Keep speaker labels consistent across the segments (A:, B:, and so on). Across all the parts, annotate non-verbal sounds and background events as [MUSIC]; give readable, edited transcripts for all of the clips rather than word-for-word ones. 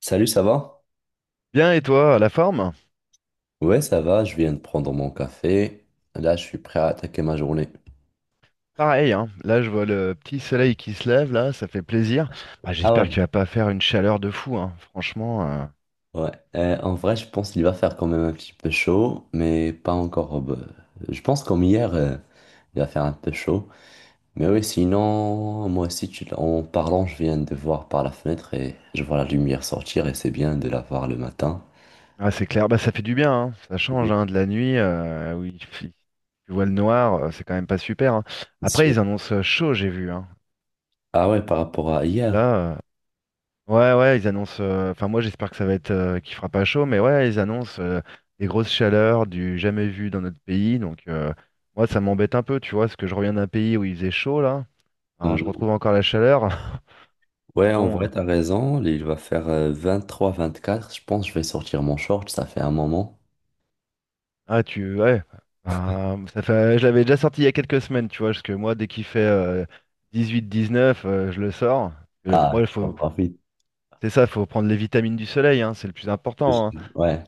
A: Salut, ça va?
B: Bien, et toi, la forme?
A: Ouais, ça va, je viens de prendre mon café. Là, je suis prêt à attaquer ma journée.
B: Pareil, hein. Là, je vois le petit soleil qui se lève, là, ça fait plaisir. Ah,
A: Ah
B: j'espère
A: ouais.
B: qu'il va pas faire une chaleur de fou, hein. Franchement,
A: Ouais, en vrai, je pense qu'il va faire quand même un petit peu chaud, mais pas encore. Bah, je pense comme hier, il va faire un peu chaud. Mais oui, sinon, moi aussi, en parlant, je viens de voir par la fenêtre et je vois la lumière sortir et c'est bien de la voir le matin.
B: ah, c'est clair, bah, ça fait du bien, hein. Ça
A: Mhm.
B: change, hein, de la nuit, tu vois le noir, c'est quand même pas super, hein. Après, ils annoncent chaud, j'ai vu, hein.
A: Ah ouais, par rapport à hier.
B: Là, ouais, ouais, ils annoncent, enfin, moi, j'espère que ça va être, qu'il fera pas chaud, mais ouais, ils annoncent des grosses chaleurs du jamais vu dans notre pays, donc, moi, ça m'embête un peu, tu vois, parce que je reviens d'un pays où il faisait chaud, là. Alors je
A: Hmm.
B: retrouve encore la chaleur. [LAUGHS] Donc
A: Ouais, en
B: bon,
A: vrai, t'as raison. Il va faire 23-24. Je pense que je vais sortir mon short. Ça fait un moment.
B: ah, tu ouais. Ah, ça fait, je l'avais déjà sorti il y a quelques semaines, tu vois, parce que moi dès qu'il fait 18-19, je le sors. Euh, moi
A: Ah,
B: il
A: tu en
B: faut,
A: profites.
B: c'est ça, il faut prendre les vitamines du soleil, hein, c'est le plus important, hein.
A: Ouais.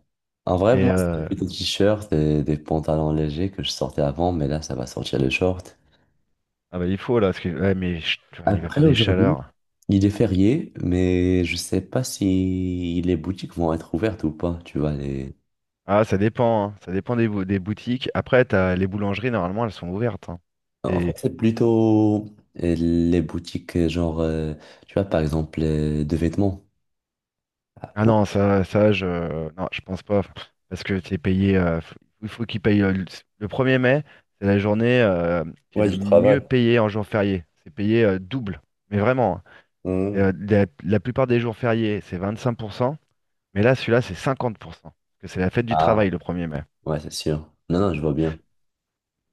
A: En vrai,
B: Et
A: moi, c'était
B: euh,
A: plutôt t-shirt et des pantalons légers que je sortais avant, mais là, ça va sortir le short.
B: ah, bah, il faut là, parce que ouais, mais chut, il va faire
A: Après,
B: des
A: aujourd'hui,
B: chaleurs.
A: il est férié, mais je sais pas si les boutiques vont être ouvertes ou pas. Tu vois, les...
B: Ah, ça dépend, hein, ça dépend des, des boutiques. Après t'as les boulangeries, normalement elles sont ouvertes, hein.
A: En fait,
B: Et
A: c'est plutôt les boutiques, genre, tu vois, par exemple, de vêtements. Ah,
B: Ah,
A: pour...
B: non, non, je pense pas. Parce que c'est payé, il faut qu'il paye le, 1er mai, c'est la journée qui est
A: Ouais,
B: le
A: du
B: mieux
A: travail.
B: payée en jour férié. C'est payé double. Mais vraiment, hein. Et,
A: Hmm.
B: la, plupart des jours fériés, c'est 25%, mais là, celui-là, c'est 50%. Parce que c'est la fête du
A: Ah,
B: travail le 1er mai.
A: ouais, c'est sûr. Non, non, je vois bien.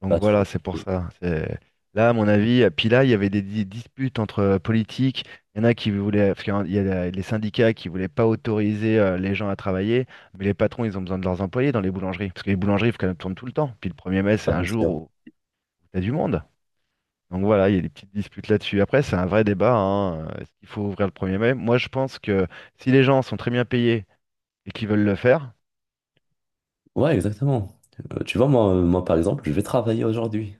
B: Donc
A: Pas trop.
B: voilà, c'est pour ça. Là, à mon avis, puis là, il y avait des, disputes entre politiques. Il y en a qui voulaient, parce qu'il y a les syndicats qui voulaient pas autoriser les gens à travailler, mais les patrons, ils ont besoin de leurs employés dans les boulangeries, parce que les boulangeries, il faut qu'elles tournent tout le temps. Puis le 1er mai, c'est
A: Ouais,
B: un
A: c'est
B: jour
A: sûr.
B: où t'as du monde. Donc voilà, il y a des petites disputes là-dessus. Après, c'est un vrai débat, hein. Est-ce qu'il faut ouvrir le 1er mai? Moi, je pense que si les gens sont très bien payés et qu'ils veulent le faire,
A: Ouais, exactement. Tu vois, moi, moi, par exemple, je vais travailler aujourd'hui.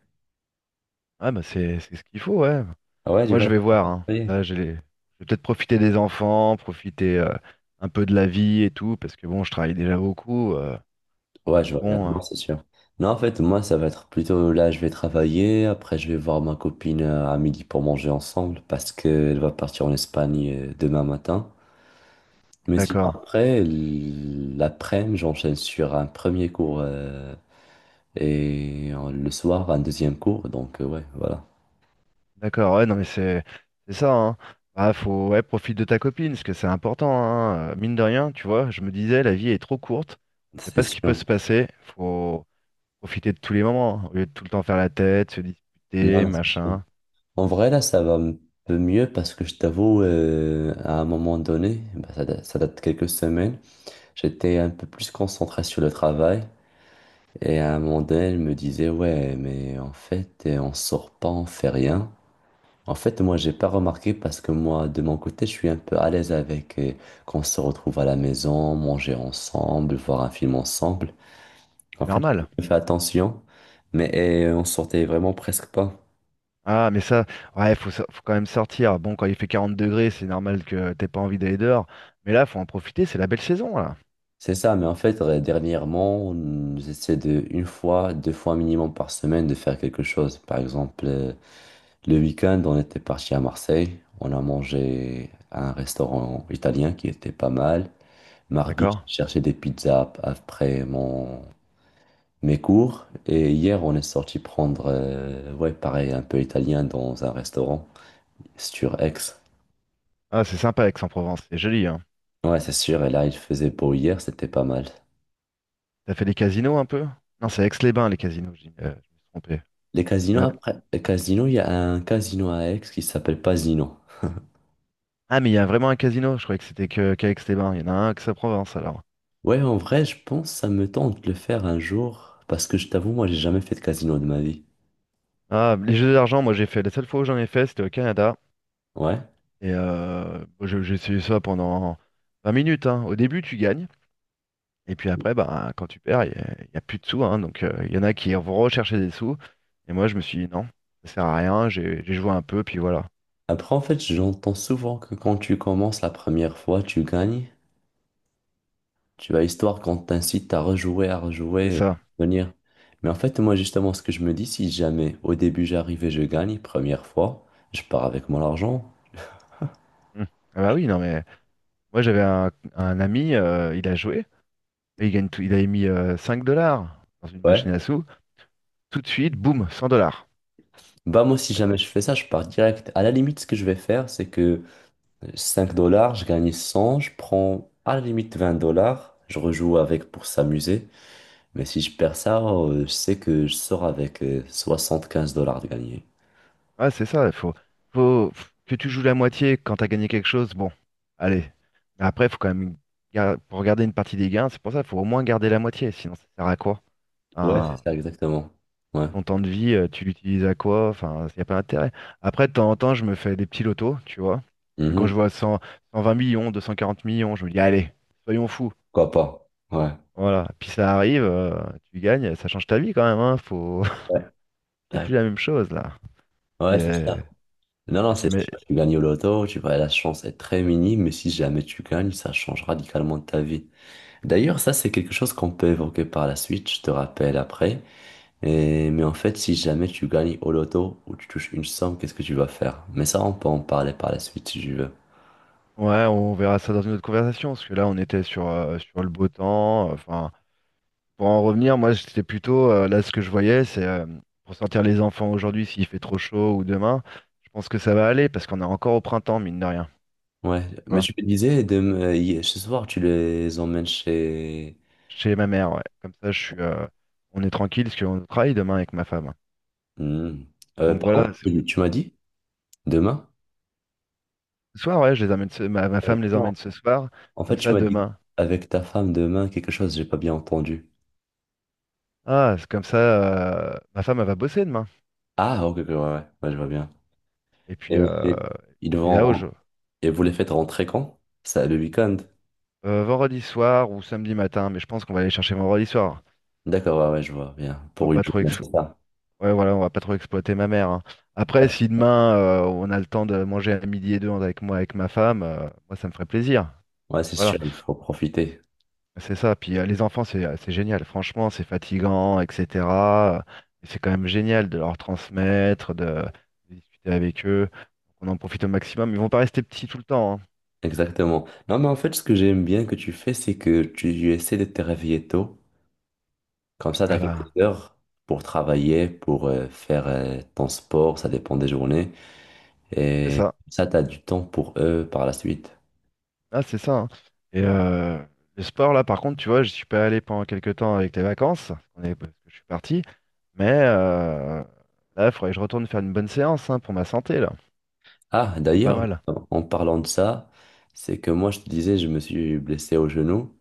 B: ah, bah, c'est ce qu'il faut, ouais.
A: Ah ouais, je
B: Moi,
A: vois,
B: je
A: je vais
B: vais voir, hein.
A: travailler.
B: Là, je vais peut-être profiter des enfants, profiter un peu de la vie et tout, parce que bon, je travaille déjà beaucoup.
A: Ouais, je
B: Donc
A: vois bien,
B: bon, euh,
A: non, c'est sûr. Non, en fait, moi, ça va être plutôt là, je vais travailler. Après, je vais voir ma copine à midi pour manger ensemble parce qu'elle va partir en Espagne demain matin. Mais si
B: d'accord,
A: après, l'après-midi, j'enchaîne sur un premier cours et le soir, un deuxième cours. Donc, ouais, voilà.
B: d'accord. Ouais, non, mais c'est ça, hein. Bah, faut ouais, profite de ta copine, parce que c'est important, hein. Mine de rien, tu vois. Je me disais, la vie est trop courte. On sait
A: C'est
B: pas ce qui peut
A: sûr.
B: se passer. Faut profiter de tous les moments, hein, au lieu de tout le temps faire la tête, se
A: Non,
B: disputer,
A: mais c'est sûr.
B: machin.
A: En vrai, là, ça va un peu mieux parce que je t'avoue, à un moment donné, bah, ça, ça date de quelques semaines, j'étais un peu plus concentré sur le travail. Et à un moment donné, elle me disait, ouais, mais en fait, on sort pas, on fait rien. En fait, moi, j'ai pas remarqué parce que moi, de mon côté, je suis un peu à l'aise avec qu'on se retrouve à la maison, manger ensemble, voir un film ensemble. En
B: C'est
A: fait,
B: normal.
A: je fais attention, mais on sortait vraiment presque pas.
B: Ah, mais ça, ouais, faut quand même sortir. Bon, quand il fait 40 degrés, c'est normal que t'aies pas envie d'aller dehors. Mais là, faut en profiter, c'est la belle saison, là.
A: C'est ça, mais en fait, dernièrement, j'essaie de une fois, deux fois minimum par semaine de faire quelque chose. Par exemple, le week-end, on était parti à Marseille, on a mangé à un restaurant italien qui était pas mal. Mardi,
B: D'accord?
A: j'ai cherché des pizzas après mon mes cours, et hier, on est sorti prendre, ouais, pareil, un peu italien dans un restaurant sur Aix.
B: Ah, c'est sympa Aix-en-Provence, c'est joli, hein.
A: Ouais, c'est sûr, et là, il faisait beau hier, c'était pas mal.
B: T'as fait des casinos un peu? Non, c'est Aix-les-Bains, les casinos, je me suis trompé.
A: Les
B: Il y
A: casinos,
B: en a-
A: après, les casinos, il y a un casino à Aix qui s'appelle Pasino.
B: Ah, mais il y a vraiment un casino, je croyais que c'était que qu'à Aix-les-Bains. Il y en a un à Aix-en-Provence, alors.
A: Ouais, en vrai, je pense que ça me tente de le faire un jour, parce que je t'avoue, moi, j'ai jamais fait de casino de ma vie.
B: Ah, les jeux d'argent, moi j'ai fait, la seule fois où j'en ai fait, c'était au Canada.
A: Ouais.
B: Bon, j'ai essayé ça pendant 20 minutes, hein. Au début, tu gagnes. Et puis après, ben, quand tu perds, y a plus de sous, hein. Donc, il y en a qui vont rechercher des sous. Et moi, je me suis dit non, ça sert à rien. J'ai joué un peu, puis voilà.
A: Après, en fait, j'entends souvent que quand tu commences la première fois, tu gagnes. Tu vas histoire qu'on t'incite à rejouer, à
B: C'est
A: rejouer,
B: ça.
A: à venir. Mais en fait, moi, justement, ce que je me dis, si jamais au début j'arrive et je gagne, première fois, je pars avec mon argent.
B: Mm. Ah, bah, oui, non, mais moi, j'avais un ami, il a joué, et il gagne tout. Il avait mis 5 dollars dans une machine
A: Ouais.
B: à sous. Tout de suite, boum, 100 dollars.
A: Bah, moi, si
B: Ouais.
A: jamais je fais ça, je pars direct. À la limite, ce que je vais faire, c'est que 5 dollars, je gagne 100 je prends à la limite 20 dollars, je rejoue avec pour s'amuser. Mais si je perds ça, je sais que je sors avec 15 dollars de gagné.
B: Ouais, c'est ça. Faut que tu joues la moitié quand tu as gagné quelque chose. Bon, allez. Mais après, il faut quand même, pour garder une partie des gains, c'est pour ça, il faut au moins garder la moitié. Sinon, ça sert à quoi?
A: Ouais, c'est
B: Enfin,
A: ça, exactement. Ouais.
B: ton temps de vie, tu l'utilises à quoi? Enfin, il n'y a pas d'intérêt. Après, de temps en temps, je me fais des petits lotos, tu vois. Parce que quand
A: Mhm.
B: je vois 100, 120 millions, 240 millions, je me dis, allez, soyons fous.
A: Pourquoi pas? Ouais.
B: Voilà. Puis ça arrive, tu gagnes, ça change ta vie quand même, hein. Faut...
A: Ouais,
B: [LAUGHS] C'est
A: ouais,
B: plus la même chose, là.
A: ouais, c'est
B: C'est-
A: ça. Non, non, c'est sûr.
B: t'imag-
A: Tu gagnes au loto, tu vois, la chance est très minime, mais si jamais tu gagnes, ça change radicalement ta vie. D'ailleurs, ça, c'est quelque chose qu'on peut évoquer par la suite, je te rappelle après. Mais en fait, si jamais tu gagnes au loto ou tu touches une somme, qu'est-ce que tu vas faire? Mais ça, on peut en parler par la suite si tu veux.
B: Ouais, on verra ça dans une autre conversation, parce que là, on était sur le beau temps. Enfin. Pour en revenir, moi, c'était plutôt, là, ce que je voyais, c'est pour sortir les enfants aujourd'hui, s'il fait trop chaud ou demain, je pense que ça va aller parce qu'on est encore au printemps, mine de rien,
A: Ouais,
B: tu
A: mais
B: vois,
A: tu me disais, ce soir, tu les emmènes chez...
B: chez ma mère, ouais. Comme ça, on est tranquille parce qu'on travaille demain avec ma femme.
A: Hmm.
B: Donc
A: Pardon,
B: voilà,
A: tu m'as dit demain?
B: ce soir, ouais, je les emmène, ma, femme les
A: Non.
B: emmène ce soir,
A: En fait,
B: comme
A: tu
B: ça,
A: m'as dit
B: demain.
A: avec ta femme demain quelque chose, j'ai pas bien entendu.
B: Ah, c'est comme ça, ma femme, elle va bosser demain.
A: Ah, ok, ok, ouais, ouais, ouais, je vois bien.
B: Et
A: Et,
B: puis, euh,
A: et ils
B: et
A: vont
B: là, au
A: ren-
B: jeu.
A: et vous les faites rentrer quand? Ça, le week-end?
B: Vendredi soir ou samedi matin, mais je pense qu'on va aller chercher vendredi soir.
A: D'accord, ouais, ouais, je vois bien.
B: On va
A: Pour une
B: pas trop
A: journée,
B: ex-
A: c'est ça.
B: Ouais, voilà, on va pas trop exploiter ma mère, hein. Après,
A: Ouais,
B: si demain on a le temps de manger à midi et deux avec moi, avec ma femme, moi ça me ferait plaisir.
A: ouais, c'est
B: Voilà,
A: sûr, il faut profiter.
B: c'est ça. Puis les enfants, c'est génial. Franchement, c'est fatigant, etc. euh, mais c'est quand même génial de leur transmettre, de discuter avec eux. On en profite au maximum. Ils vont pas rester petits tout le temps, hein.
A: Exactement. Non, mais en fait, ce que j'aime bien que tu fais, c'est que tu essaies de te réveiller tôt. Comme ça, tu as
B: Ah bah,
A: quelques heures pour travailler, pour faire ton sport, ça dépend des journées.
B: c'est
A: Et
B: ça.
A: ça, tu as du temps pour eux par la suite.
B: Ah, c'est ça, hein. Et euh, le sport, là, par contre, tu vois, je suis pas allé pendant quelques temps avec les vacances, parce que je suis parti. Mais euh, Là, il faudrait que je retourne faire une bonne séance, hein, pour ma santé, là.
A: Ah,
B: C'est pas
A: d'ailleurs,
B: mal.
A: en parlant de ça, c'est que moi, je te disais, je me suis blessé au genou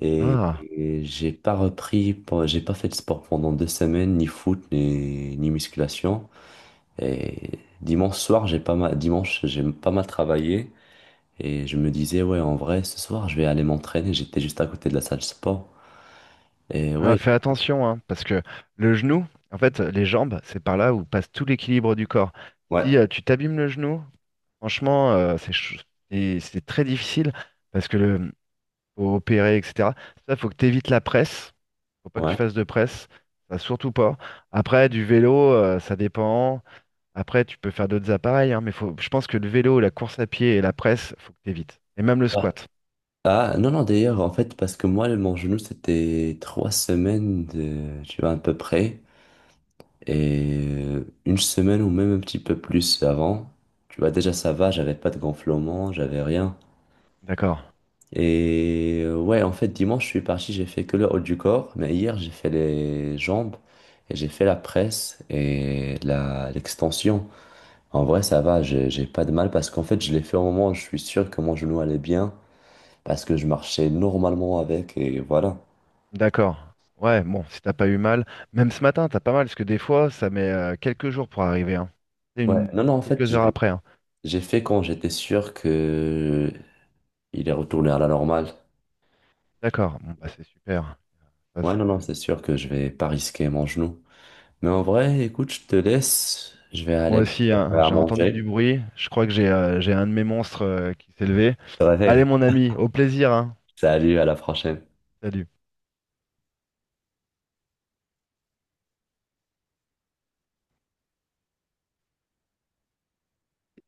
A: et,
B: Ah,
A: et j'ai pas repris, j'ai pas fait de sport pendant 2 semaines, ni foot, ni musculation. Et dimanche soir, j'ai pas mal, dimanche, j'ai pas mal travaillé. Et je me disais, ouais, en vrai, ce soir, je vais aller m'entraîner. J'étais juste à côté de la salle de sport. Et
B: ah,
A: ouais,
B: fais attention, hein, parce que le genou, en fait, les jambes, c'est par là où passe tout l'équilibre du corps.
A: ouais,
B: Si tu t'abîmes le genou, franchement, et c'est très difficile parce que le faut opérer, etc. Ça, faut que tu évites la presse. Faut pas que tu
A: ouais.
B: fasses de presse. Ça, surtout pas. Après, du vélo, ça dépend. Après, tu peux faire d'autres appareils, hein, mais faut... je pense que le vélo, la course à pied et la presse, faut que t'évites. Et même le
A: Ouais.
B: squat.
A: Ah, non, non, d'ailleurs, en fait, parce que moi, mon genou, c'était 3 semaines de, tu vois, à peu près. Et une semaine ou même un petit peu plus avant. Tu vois, déjà, ça va, j'avais pas de gonflement, j'avais rien.
B: D'accord.
A: Et ouais, en fait, dimanche, je suis parti, j'ai fait que le haut du corps, mais hier, j'ai fait les jambes et j'ai fait la presse et l'extension. En vrai, ça va, j'ai pas de mal parce qu'en fait, je l'ai fait au moment où je suis sûr que mon genou allait bien parce que je marchais normalement avec et voilà.
B: D'accord. Ouais, bon, si t'as pas eu mal. Même ce matin, t'as pas mal, parce que des fois, ça met quelques jours pour arriver, hein. C'est
A: Ouais,
B: une...
A: non, non, en fait,
B: quelques
A: j'ai
B: heures après, hein.
A: j'ai fait quand j'étais sûr que il est retourné à la normale.
B: D'accord. Bon, bah, c'est super. Ça,
A: Ouais,
B: c'est-
A: non,
B: euh,
A: non, c'est sûr que je vais pas risquer mon genou. Mais en vrai, écoute, je te laisse, je vais
B: Moi
A: aller me
B: aussi, hein,
A: faire à
B: j'ai entendu du
A: manger.
B: bruit. Je crois que j'ai un de mes monstres qui s'est levé.
A: Je te réveille.
B: Allez, mon ami, au plaisir, hein.
A: Salut, à la prochaine.
B: Salut.